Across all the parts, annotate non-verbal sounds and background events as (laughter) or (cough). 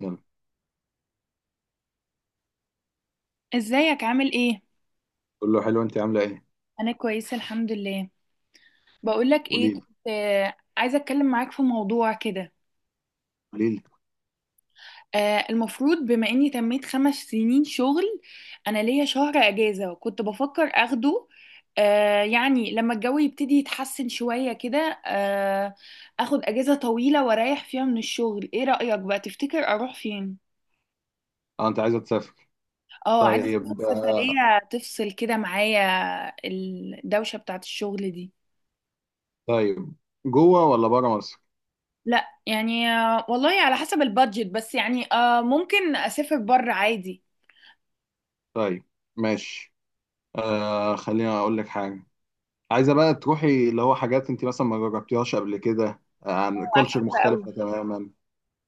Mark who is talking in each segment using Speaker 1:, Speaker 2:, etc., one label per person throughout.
Speaker 1: يلا.
Speaker 2: ازيك عامل ايه؟
Speaker 1: قول له حلو، انت عامله ايه؟
Speaker 2: انا كويسه الحمد لله. بقولك
Speaker 1: قولي
Speaker 2: ايه،
Speaker 1: لي.
Speaker 2: كنت عايزه اتكلم معاك في موضوع كده.
Speaker 1: قولي لي
Speaker 2: المفروض بما اني تميت 5 سنين شغل. انا ليا شهر اجازه وكنت بفكر اخده. يعني لما الجو يبتدي يتحسن شويه كده، آه، اخد اجازه طويله واريح فيها من الشغل. ايه رايك بقى، تفتكر اروح فين؟
Speaker 1: اه انت عايزه تسافر؟
Speaker 2: اه، عايزه اسافر.
Speaker 1: طيب
Speaker 2: سفريه تفصل كده معايا الدوشه بتاعت الشغل دي.
Speaker 1: طيب، جوه ولا بره مصر؟
Speaker 2: لا يعني، والله على حسب البادجت، بس يعني ممكن اسافر بره عادي.
Speaker 1: طيب ماشي. آه خليني اقول لك حاجه. عايزه بقى تروحي اللي هو حاجات انت مثلا ما جربتيهاش قبل كده، عن كلتشر
Speaker 2: احب قوي.
Speaker 1: مختلفه تماما.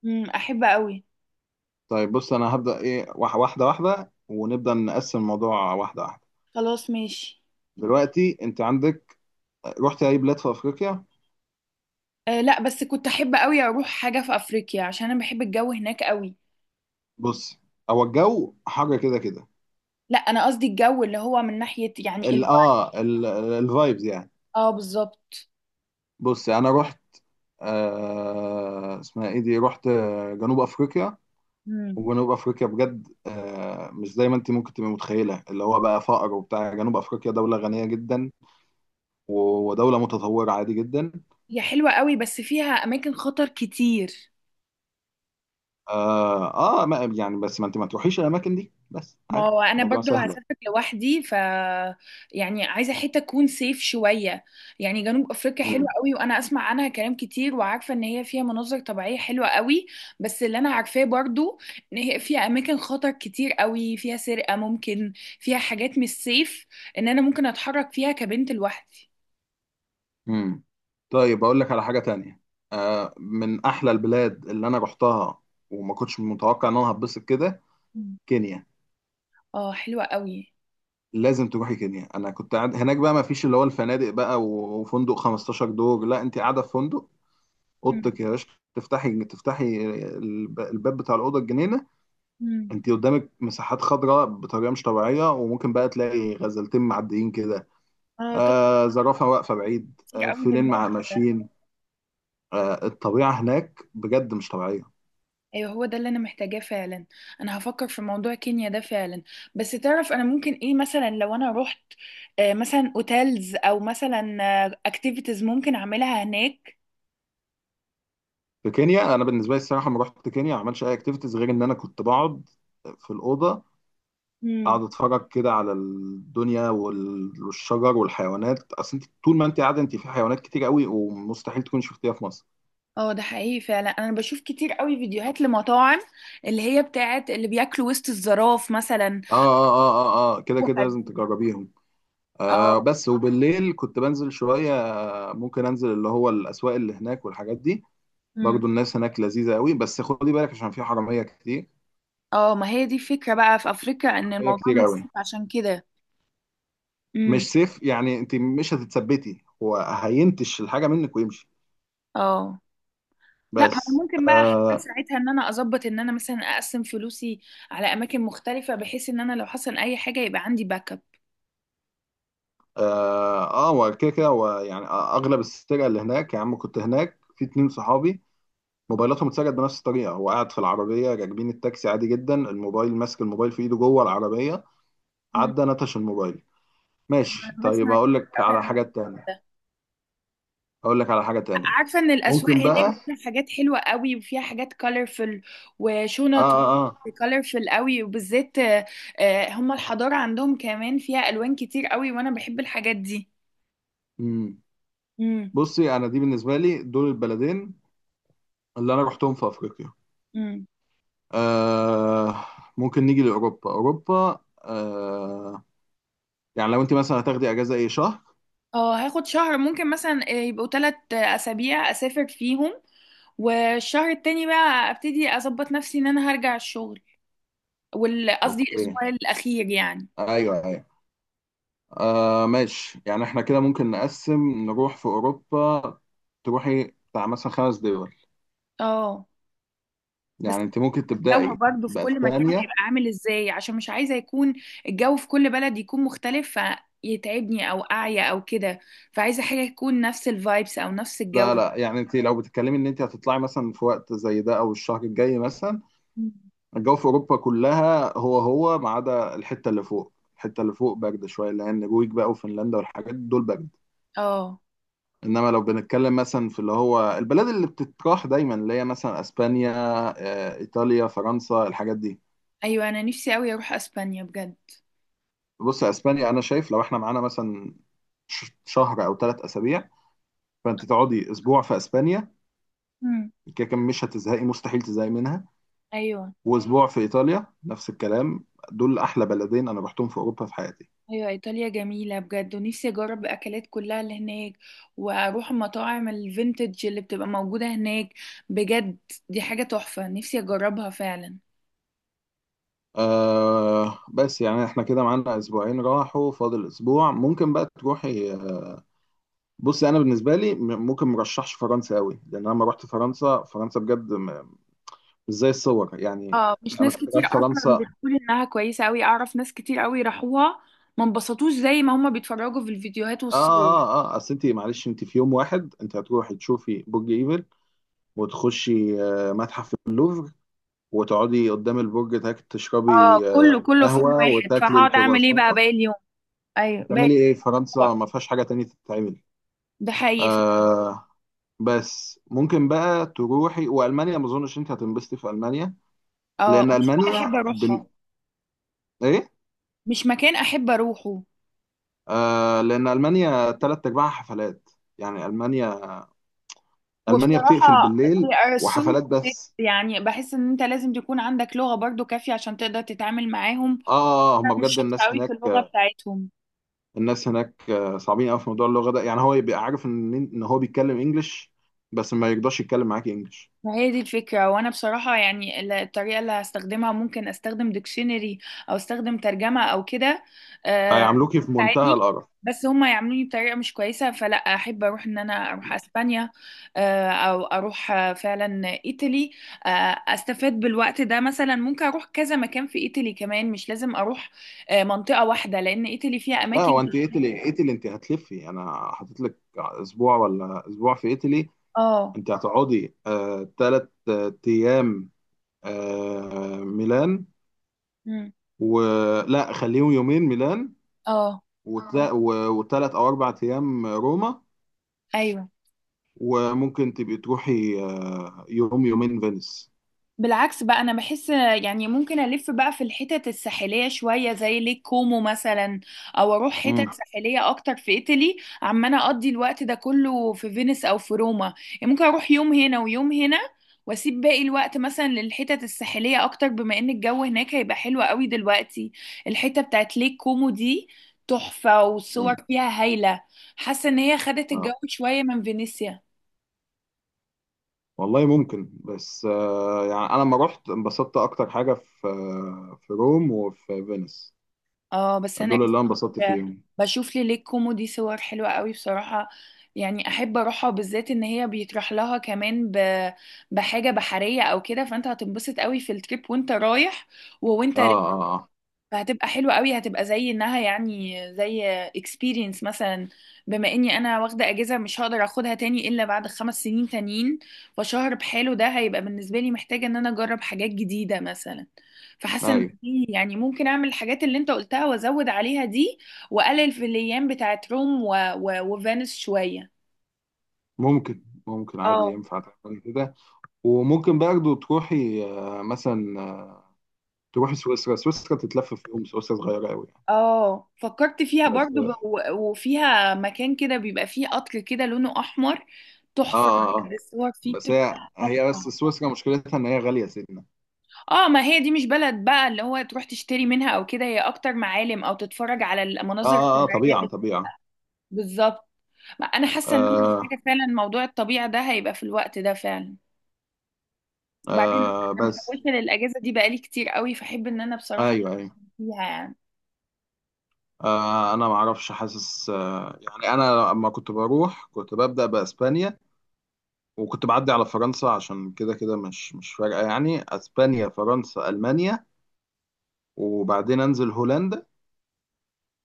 Speaker 2: احب قوي.
Speaker 1: طيب بص، انا هبدا ايه واحده واحده، ونبدا نقسم الموضوع واحده واحده.
Speaker 2: خلاص ماشي.
Speaker 1: دلوقتي انت عندك، رحت اي بلاد في افريقيا؟
Speaker 2: لا، بس كنت احب قوي اروح حاجه في افريقيا عشان انا بحب الجو هناك قوي.
Speaker 1: بص، هو الجو حر كده كده.
Speaker 2: لا، انا قصدي الجو اللي هو من ناحيه يعني
Speaker 1: ال
Speaker 2: الب...
Speaker 1: اه الفايبز يعني.
Speaker 2: اه، بالظبط.
Speaker 1: بص انا رحت، آه اسمها ايه دي، رحت جنوب افريقيا.
Speaker 2: امم.
Speaker 1: وجنوب افريقيا بجد آه مش زي ما انت ممكن تبقى متخيله اللي هو بقى فقر وبتاع، جنوب افريقيا دوله غنيه جدا، ودوله متطوره عادي جدا.
Speaker 2: هي حلوه قوي بس فيها اماكن خطر كتير.
Speaker 1: اه, آه ما يعني، بس ما انت ما تروحيش الاماكن دي بس،
Speaker 2: ما
Speaker 1: عادي.
Speaker 2: هو انا
Speaker 1: الموضوع
Speaker 2: برضو
Speaker 1: سهل يعني.
Speaker 2: هسافر لوحدي ف، يعني عايزه حته تكون سيف شويه. يعني جنوب افريقيا حلوه
Speaker 1: مم.
Speaker 2: قوي، وانا اسمع عنها كلام كتير، وعارفه ان هي فيها مناظر طبيعيه حلوه قوي. بس اللي انا عارفاه برضو، ان هي فيها اماكن خطر كتير قوي، فيها سرقه ممكن، فيها حاجات مش سيف ان انا ممكن اتحرك فيها كبنت لوحدي.
Speaker 1: مم. طيب اقول لك على حاجه تانية. آه من احلى البلاد اللي انا رحتها وما كنتش متوقع ان انا هتبسط كده،
Speaker 2: مم.
Speaker 1: كينيا.
Speaker 2: اه، حلوه قوي.
Speaker 1: لازم تروحي كينيا. انا كنت قاعد هناك بقى، ما فيش اللي هو الفنادق بقى وفندق 15 دور، لا انت قاعده في فندق،
Speaker 2: مم.
Speaker 1: اوضتك يا باشا. تفتحي الباب بتاع الاوضه الجنينه،
Speaker 2: مم.
Speaker 1: انت قدامك مساحات خضراء بطريقه مش طبيعيه، وممكن بقى تلاقي غزلتين معديين كده،
Speaker 2: اه، تحفة.
Speaker 1: آه زرافه واقفه بعيد،
Speaker 2: كتير
Speaker 1: آه
Speaker 2: قوي في
Speaker 1: فيلين مع
Speaker 2: الموضوع.
Speaker 1: ماشيين. آه الطبيعه هناك بجد مش طبيعيه.
Speaker 2: ايوه، هو ده اللي انا محتاجاه فعلا. انا هفكر في موضوع كينيا ده فعلا. بس تعرف، انا ممكن ايه مثلا لو انا رحت، مثلا اوتيلز، او مثلا اكتيفيتيز ممكن اعملها هناك؟
Speaker 1: في كينيا انا بالنسبه لي الصراحه ما رحت كينيا ما عملتش اي اكتيفيتيز، غير ان انا كنت بقعد في الاوضه،
Speaker 2: امم.
Speaker 1: اقعد اتفرج كده على الدنيا والشجر والحيوانات. اصل انت طول ما انت قاعده، انت في حيوانات كتير قوي ومستحيل تكون شفتيها في مصر.
Speaker 2: اه، ده حقيقي فعلا، انا بشوف كتير قوي فيديوهات لمطاعم اللي هي بتاعت اللي بياكلوا وسط الزراف مثلا.
Speaker 1: اه اه اه اه اه، كده كده لازم
Speaker 2: وحد-.
Speaker 1: تجربيهم. آه
Speaker 2: اه.
Speaker 1: بس وبالليل كنت بنزل شويه، ممكن انزل اللي هو الاسواق اللي هناك والحاجات دي.
Speaker 2: امم.
Speaker 1: برضو الناس هناك لذيذه قوي بس خدي بالك، عشان في حراميه كتير.
Speaker 2: اه، ما هي دي الفكرة بقى في افريقيا ان
Speaker 1: حراميه
Speaker 2: الموضوع
Speaker 1: كتير قوي،
Speaker 2: متسف عشان كده.
Speaker 1: مش
Speaker 2: امم.
Speaker 1: سيف يعني. انت مش هتتثبتي، هو هينتش الحاجه منك ويمشي.
Speaker 2: اه. لا، ما انا
Speaker 1: بس
Speaker 2: ممكن بقى أحاول
Speaker 1: آه،
Speaker 2: ساعتها ان انا اظبط ان انا مثلا اقسم فلوسي على اماكن مختلفه، بحيث ان انا لو حصل اي حاجه يبقى عندي باك اب.
Speaker 1: اه هو كده كده. هو يعني اغلب السرقه اللي هناك، يا عم كنت هناك في اتنين صحابي موبايلاتهم اتسرقت بنفس الطريقه، هو قاعد في العربيه راكبين التاكسي عادي جدا، الموبايل ماسك الموبايل في ايده جوه العربيه،
Speaker 2: مم.
Speaker 1: عدى نتش الموبايل. ماشي،
Speaker 2: انا
Speaker 1: طيب
Speaker 2: بسمع
Speaker 1: اقول
Speaker 2: كتير
Speaker 1: لك
Speaker 2: قوي
Speaker 1: على
Speaker 2: عن
Speaker 1: حاجه تانية.
Speaker 2: ده.
Speaker 1: اقول لك على حاجه تانية
Speaker 2: عارفه ان الاسواق
Speaker 1: ممكن
Speaker 2: هناك
Speaker 1: بقى
Speaker 2: فيها حاجات حلوه قوي، وفيها حاجات كولرفل
Speaker 1: اه
Speaker 2: وشنط
Speaker 1: اه اه.
Speaker 2: كولرفل قوي، وبالذات هم الحضاره عندهم كمان فيها الوان كتير قوي، وانا بحب الحاجات دي.
Speaker 1: مم. بصي، انا دي بالنسبه لي دول البلدين اللي انا رحتهم في افريقيا.
Speaker 2: امم.
Speaker 1: آه ممكن نيجي لاوروبا، اوروبا آه، يعني لو انت مثلا هتاخدي اجازه اي شهر.
Speaker 2: اه، هاخد شهر ممكن مثلا يبقوا 3 اسابيع اسافر فيهم. والشهر التاني بقى ابتدي اظبط نفسي ان انا هرجع الشغل، قصدي
Speaker 1: اوكي.
Speaker 2: الاسبوع الاخير يعني.
Speaker 1: ايوه ايوه. آه ماشي، يعني احنا كده ممكن نقسم نروح في اوروبا، تروحي بتاع مثلا خمس دول.
Speaker 2: اه، بس
Speaker 1: يعني انت ممكن
Speaker 2: الجو
Speaker 1: تبدأي
Speaker 2: برضه في كل مكان
Speaker 1: باسبانيا.
Speaker 2: هيبقى عامل ازاي؟ عشان مش عايزه يكون الجو في كل بلد يكون مختلف، فيتعبني او اعيا او كده. فعايزه حاجه تكون نفس الفايبس او نفس الجو.
Speaker 1: لا لا، يعني انت لو بتتكلمي ان انت هتطلعي مثلا في وقت زي ده او الشهر الجاي مثلا،
Speaker 2: مم.
Speaker 1: الجو في اوروبا كلها هو هو، ما عدا الحته اللي فوق. الحته اللي فوق برد شويه لان النرويج بقى وفنلندا والحاجات دول برد.
Speaker 2: اه،
Speaker 1: انما لو بنتكلم مثلا في اللي هو البلاد اللي بتتراح دايما، اللي هي مثلا اسبانيا، ايطاليا، فرنسا، الحاجات دي.
Speaker 2: ايوه انا نفسي قوي اروح اسبانيا بجد.
Speaker 1: بص يا اسبانيا، انا شايف لو احنا معانا مثلا شهر او ثلاث اسابيع، فانت تقعدي اسبوع في اسبانيا،
Speaker 2: مم.
Speaker 1: كده كده مش هتزهقي، مستحيل تزهقي منها.
Speaker 2: ايوه،
Speaker 1: واسبوع في ايطاليا نفس الكلام. دول احلى بلدين انا رحتهم في اوروبا في حياتي.
Speaker 2: ايوه، ايطاليا جميله بجد، ونفسي اجرب الاكلات كلها اللي هناك، واروح المطاعم الفينتج اللي بتبقى موجوده هناك بجد. دي حاجه تحفه نفسي اجربها فعلا.
Speaker 1: آه بس يعني احنا كده معانا اسبوعين راحوا، فاضل اسبوع ممكن بقى تروحي. بصي انا بالنسبه لي ممكن مرشحش فرنسا قوي، لان انا لما رحت فرنسا، فرنسا بجد مش زي الصور يعني.
Speaker 2: اه، مش
Speaker 1: انا
Speaker 2: ناس
Speaker 1: كنت
Speaker 2: كتير
Speaker 1: رايح
Speaker 2: اصلا
Speaker 1: فرنسا.
Speaker 2: بتقول انها كويسه قوي، اعرف ناس كتير قوي راحوها، ما انبسطوش زي ما هما بيتفرجوا في الفيديوهات
Speaker 1: اه
Speaker 2: والصور.
Speaker 1: اه اه، اصل انت معلش، انت في يوم واحد انت هتروحي تشوفي برج ايفل، وتخشي متحف اللوفر، وتقعدي قدام البرج تاك
Speaker 2: اه،
Speaker 1: تشربي
Speaker 2: كله كله في يوم
Speaker 1: قهوه
Speaker 2: واحد،
Speaker 1: وتاكلي
Speaker 2: فهقعد اعمل ايه
Speaker 1: الكرواسون.
Speaker 2: بقى باقي اليوم؟ ايوه، باقي
Speaker 1: هتعملي ايه في
Speaker 2: الأسبوع.
Speaker 1: فرنسا؟ ما فيهاش حاجه تانية تتعمل.
Speaker 2: ده حقيقي فعلاً.
Speaker 1: آه بس ممكن بقى تروحي والمانيا، ما اظنش انت هتنبسطي في المانيا،
Speaker 2: اه،
Speaker 1: لان
Speaker 2: مش حاجة
Speaker 1: المانيا
Speaker 2: احب
Speaker 1: بال...
Speaker 2: اروحها.
Speaker 1: ايه،
Speaker 2: مش مكان احب اروحه.
Speaker 1: آه لان المانيا تلات ارباعها حفلات. يعني المانيا، المانيا بتقفل
Speaker 2: وبصراحة
Speaker 1: بالليل
Speaker 2: they are so
Speaker 1: وحفلات
Speaker 2: thick.
Speaker 1: بس.
Speaker 2: يعني بحس ان انت لازم تكون عندك لغة برضو كافية عشان تقدر تتعامل معاهم.
Speaker 1: اه
Speaker 2: انا
Speaker 1: هم
Speaker 2: مش
Speaker 1: بجد
Speaker 2: شاطرة
Speaker 1: الناس
Speaker 2: قوي في اللغة
Speaker 1: هناك،
Speaker 2: بتاعتهم.
Speaker 1: الناس هناك صعبين قوي في موضوع اللغه ده. يعني هو يبقى عارف ان هو بيتكلم انجلش، بس ما يقدرش يتكلم معاك انجلش.
Speaker 2: ما هي دي الفكرة، وانا بصراحة يعني الطريقة اللي هستخدمها، ممكن استخدم ديكشنري او استخدم ترجمة او كده، آه،
Speaker 1: هيعاملوكي في منتهى
Speaker 2: تساعدني.
Speaker 1: القرف.
Speaker 2: بس هما يعملوني بطريقة مش كويسة، فلا احب اروح ان انا اروح اسبانيا، او اروح فعلا ايطالي. آه، استفاد بالوقت ده، مثلا ممكن اروح كذا مكان في ايطالي كمان، مش لازم اروح منطقة واحدة، لان ايطالي فيها
Speaker 1: لا
Speaker 2: اماكن.
Speaker 1: هو انت ايطالي، ايطالي انت هتلفي، انا حاطط لك اسبوع ولا اسبوع في ايطالي.
Speaker 2: اه.
Speaker 1: انت هتقعدي آه تلات ايام آه ميلان،
Speaker 2: مم.
Speaker 1: ولا خليهم يومين ميلان،
Speaker 2: اه،
Speaker 1: وتلا... و... وثلاث او اربع ايام روما.
Speaker 2: ايوه،
Speaker 1: وممكن تبقي تروحي يوم يومين فينيس.
Speaker 2: بالعكس بقى انا بحس يعني ممكن الف بقى في الحتت الساحليه شويه زي ليك كومو مثلا، او اروح
Speaker 1: امم
Speaker 2: حتت ساحليه اكتر في ايطالي. عمال اقضي الوقت ده كله في فينيس او في روما. يعني ممكن اروح يوم هنا ويوم هنا، واسيب باقي الوقت مثلا للحتت الساحليه اكتر بما ان الجو هناك هيبقى حلو قوي دلوقتي. الحته بتاعت ليك كومو دي تحفه، والصور
Speaker 1: امم
Speaker 2: فيها هايله. حاسه ان هي خدت الجو
Speaker 1: اه
Speaker 2: شويه من فينيسيا.
Speaker 1: والله ممكن، بس آه يعني انا لما رحت انبسطت اكتر حاجه في آه في روم وفي فينيس،
Speaker 2: اه، بس انا
Speaker 1: دول اللي انا انبسطت فيهم.
Speaker 2: (laughs) بشوف لي ليك كوميدي صور حلوة قوي بصراحة. يعني احب اروحها، بالذات ان هي بيطرح لها كمان ب... بحاجة بحرية او كده، فانت هتنبسط قوي في التريب وانت رايح. ووانت
Speaker 1: اه اه
Speaker 2: فهتبقى حلوة قوي، هتبقى زي انها يعني زي experience مثلا. بما اني انا واخدة اجازة مش هقدر اخدها تاني الا بعد 5 سنين تانيين، فشهر بحاله ده هيبقى بالنسبة لي، محتاجة ان انا اجرب حاجات جديدة مثلا. فحاسة
Speaker 1: اه.
Speaker 2: ان
Speaker 1: ايوه
Speaker 2: دي يعني، ممكن اعمل الحاجات اللي انت قلتها وازود عليها دي، واقلل في الايام بتاعت روم وفينس شوية.
Speaker 1: ممكن، ممكن عادي
Speaker 2: اه،
Speaker 1: ينفع تعمل كده. وممكن برضه تروحي آه مثلا تروحي سويسرا. سويسرا تتلف في يوم، سويسرا صغيره قوي يعني،
Speaker 2: اه، فكرت فيها
Speaker 1: بس
Speaker 2: برضو
Speaker 1: اه
Speaker 2: وفيها مكان كده بيبقى فيه قطر كده لونه احمر.
Speaker 1: اه
Speaker 2: تحفة.
Speaker 1: آه. آه.
Speaker 2: بجد الصور فيه
Speaker 1: بس هي
Speaker 2: بتبقى
Speaker 1: بس
Speaker 2: تحفة.
Speaker 1: سويسرا مشكلتها ان هي غاليه سنه.
Speaker 2: اه، ما هي دي مش بلد بقى اللي هو تروح تشتري منها او كده، هي اكتر معالم او تتفرج على
Speaker 1: اه
Speaker 2: المناظر
Speaker 1: اه
Speaker 2: الطبيعية
Speaker 1: طبيعه
Speaker 2: اللي-.
Speaker 1: طبيعه.
Speaker 2: بالظبط. ما انا حاسة ان انا
Speaker 1: آه
Speaker 2: محتاجة فعلا، موضوع الطبيعة ده هيبقى في الوقت ده فعلا. وبعدين
Speaker 1: آه
Speaker 2: انا
Speaker 1: بس.
Speaker 2: محوشة للاجازة دي بقالي كتير قوي، فاحب ان انا بصراحة
Speaker 1: ايوه ايوه.
Speaker 2: أكون فيها يعني.
Speaker 1: آه انا ما اعرفش، حاسس آه يعني انا لما كنت بروح كنت ببدأ باسبانيا، وكنت بعدي على فرنسا، عشان كده كده مش فارقة يعني، اسبانيا فرنسا المانيا، وبعدين انزل هولندا،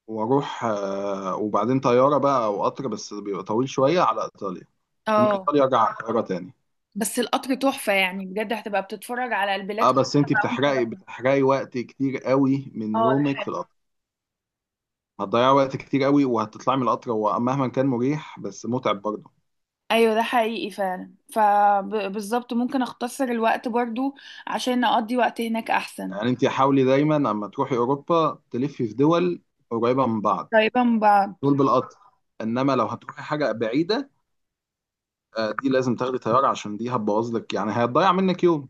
Speaker 1: واروح آه وبعدين طيارة بقى او قطر، بس بيبقى طويل شوية، على ايطاليا، ومن
Speaker 2: اه،
Speaker 1: ايطاليا ارجع على القاهرة تاني.
Speaker 2: بس القطر تحفة يعني، بجد هتبقى بتتفرج على البلاد
Speaker 1: اه
Speaker 2: كلها
Speaker 1: بس انتي
Speaker 2: بقى
Speaker 1: بتحرقي
Speaker 2: وانت.
Speaker 1: بتحرقي وقت كتير قوي من
Speaker 2: اه، ده
Speaker 1: يومك في
Speaker 2: حقيقي.
Speaker 1: القطر، هتضيعي وقت كتير قوي، وهتطلعي من القطر هو مهما كان مريح بس متعب برضه.
Speaker 2: ايوه، ده حقيقي فعلا، فبالظبط ممكن اختصر الوقت برضو عشان اقضي وقت هناك احسن.
Speaker 1: يعني انت حاولي دايما اما تروحي اوروبا تلفي في دول قريبه من بعض،
Speaker 2: قريبة من بعض.
Speaker 1: دول بالقطر. انما لو هتروحي حاجه بعيده، دي لازم تاخدي طياره، عشان دي هتبوظ لك يعني، هتضيع منك يوم.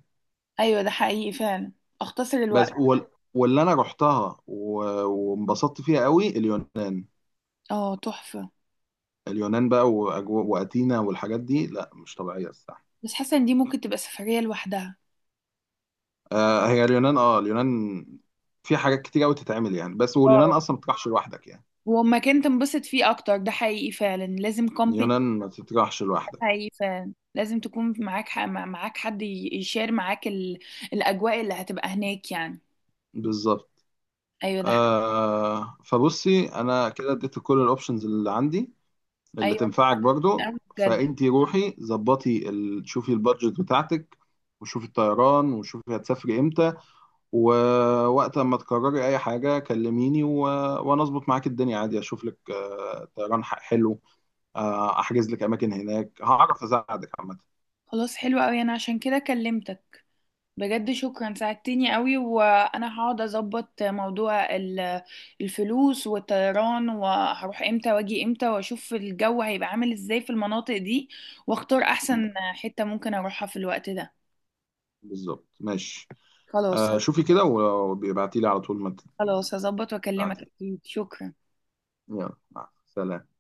Speaker 2: ايوه، ده حقيقي فعلا، اختصر الوقت.
Speaker 1: بس واللي انا رحتها وانبسطت فيها قوي، اليونان.
Speaker 2: اه، تحفة.
Speaker 1: اليونان بقى واتينا والحاجات دي، لا مش طبيعيه الصراحه.
Speaker 2: بس حاسة ان دي ممكن تبقى سفرية لوحدها.
Speaker 1: آه هي اليونان، اه اليونان في حاجات كتير قوي تتعمل يعني، بس واليونان
Speaker 2: اه،
Speaker 1: اصلا ما تروحش لوحدك يعني.
Speaker 2: ومكان تنبسط فيه اكتر، ده حقيقي فعلا لازم كومباني.
Speaker 1: اليونان ما تروحش
Speaker 2: ده
Speaker 1: لوحدك.
Speaker 2: حقيقي فعلا، لازم تكون معاك معاك حد يشير معاك ال... الاجواء اللي هتبقى هناك يعني.
Speaker 1: بالظبط.
Speaker 2: ايوه، ده حقيقي.
Speaker 1: آه فبصي، انا كده اديت كل الاوبشنز اللي عندي، اللي
Speaker 2: ايوه،
Speaker 1: تنفعك برضو.
Speaker 2: أنا بجد.
Speaker 1: فانتي روحي ظبطي شوفي البادجت بتاعتك، وشوفي الطيران، وشوفي هتسافري امتى، ووقت ما تقرري اي حاجه كلميني، وانا اظبط معاك الدنيا عادي، اشوف لك آه طيران حلو، آه احجز لك اماكن هناك، هعرف اساعدك عامه.
Speaker 2: خلاص، حلو قوي، انا عشان كده كلمتك. بجد شكرا ساعدتني قوي، وانا هقعد اظبط موضوع الفلوس والطيران، وهروح امتى واجي امتى، واشوف الجو هيبقى عامل ازاي في المناطق دي، واختار
Speaker 1: م.
Speaker 2: احسن حتة ممكن اروحها في الوقت ده.
Speaker 1: بالظبط ماشي.
Speaker 2: خلاص.
Speaker 1: آه شوفي كده وبيبعتي لي على طول ما
Speaker 2: خلاص، هظبط واكلمك
Speaker 1: تبعتي.
Speaker 2: اكيد. شكرا.
Speaker 1: يلا مع السلامه.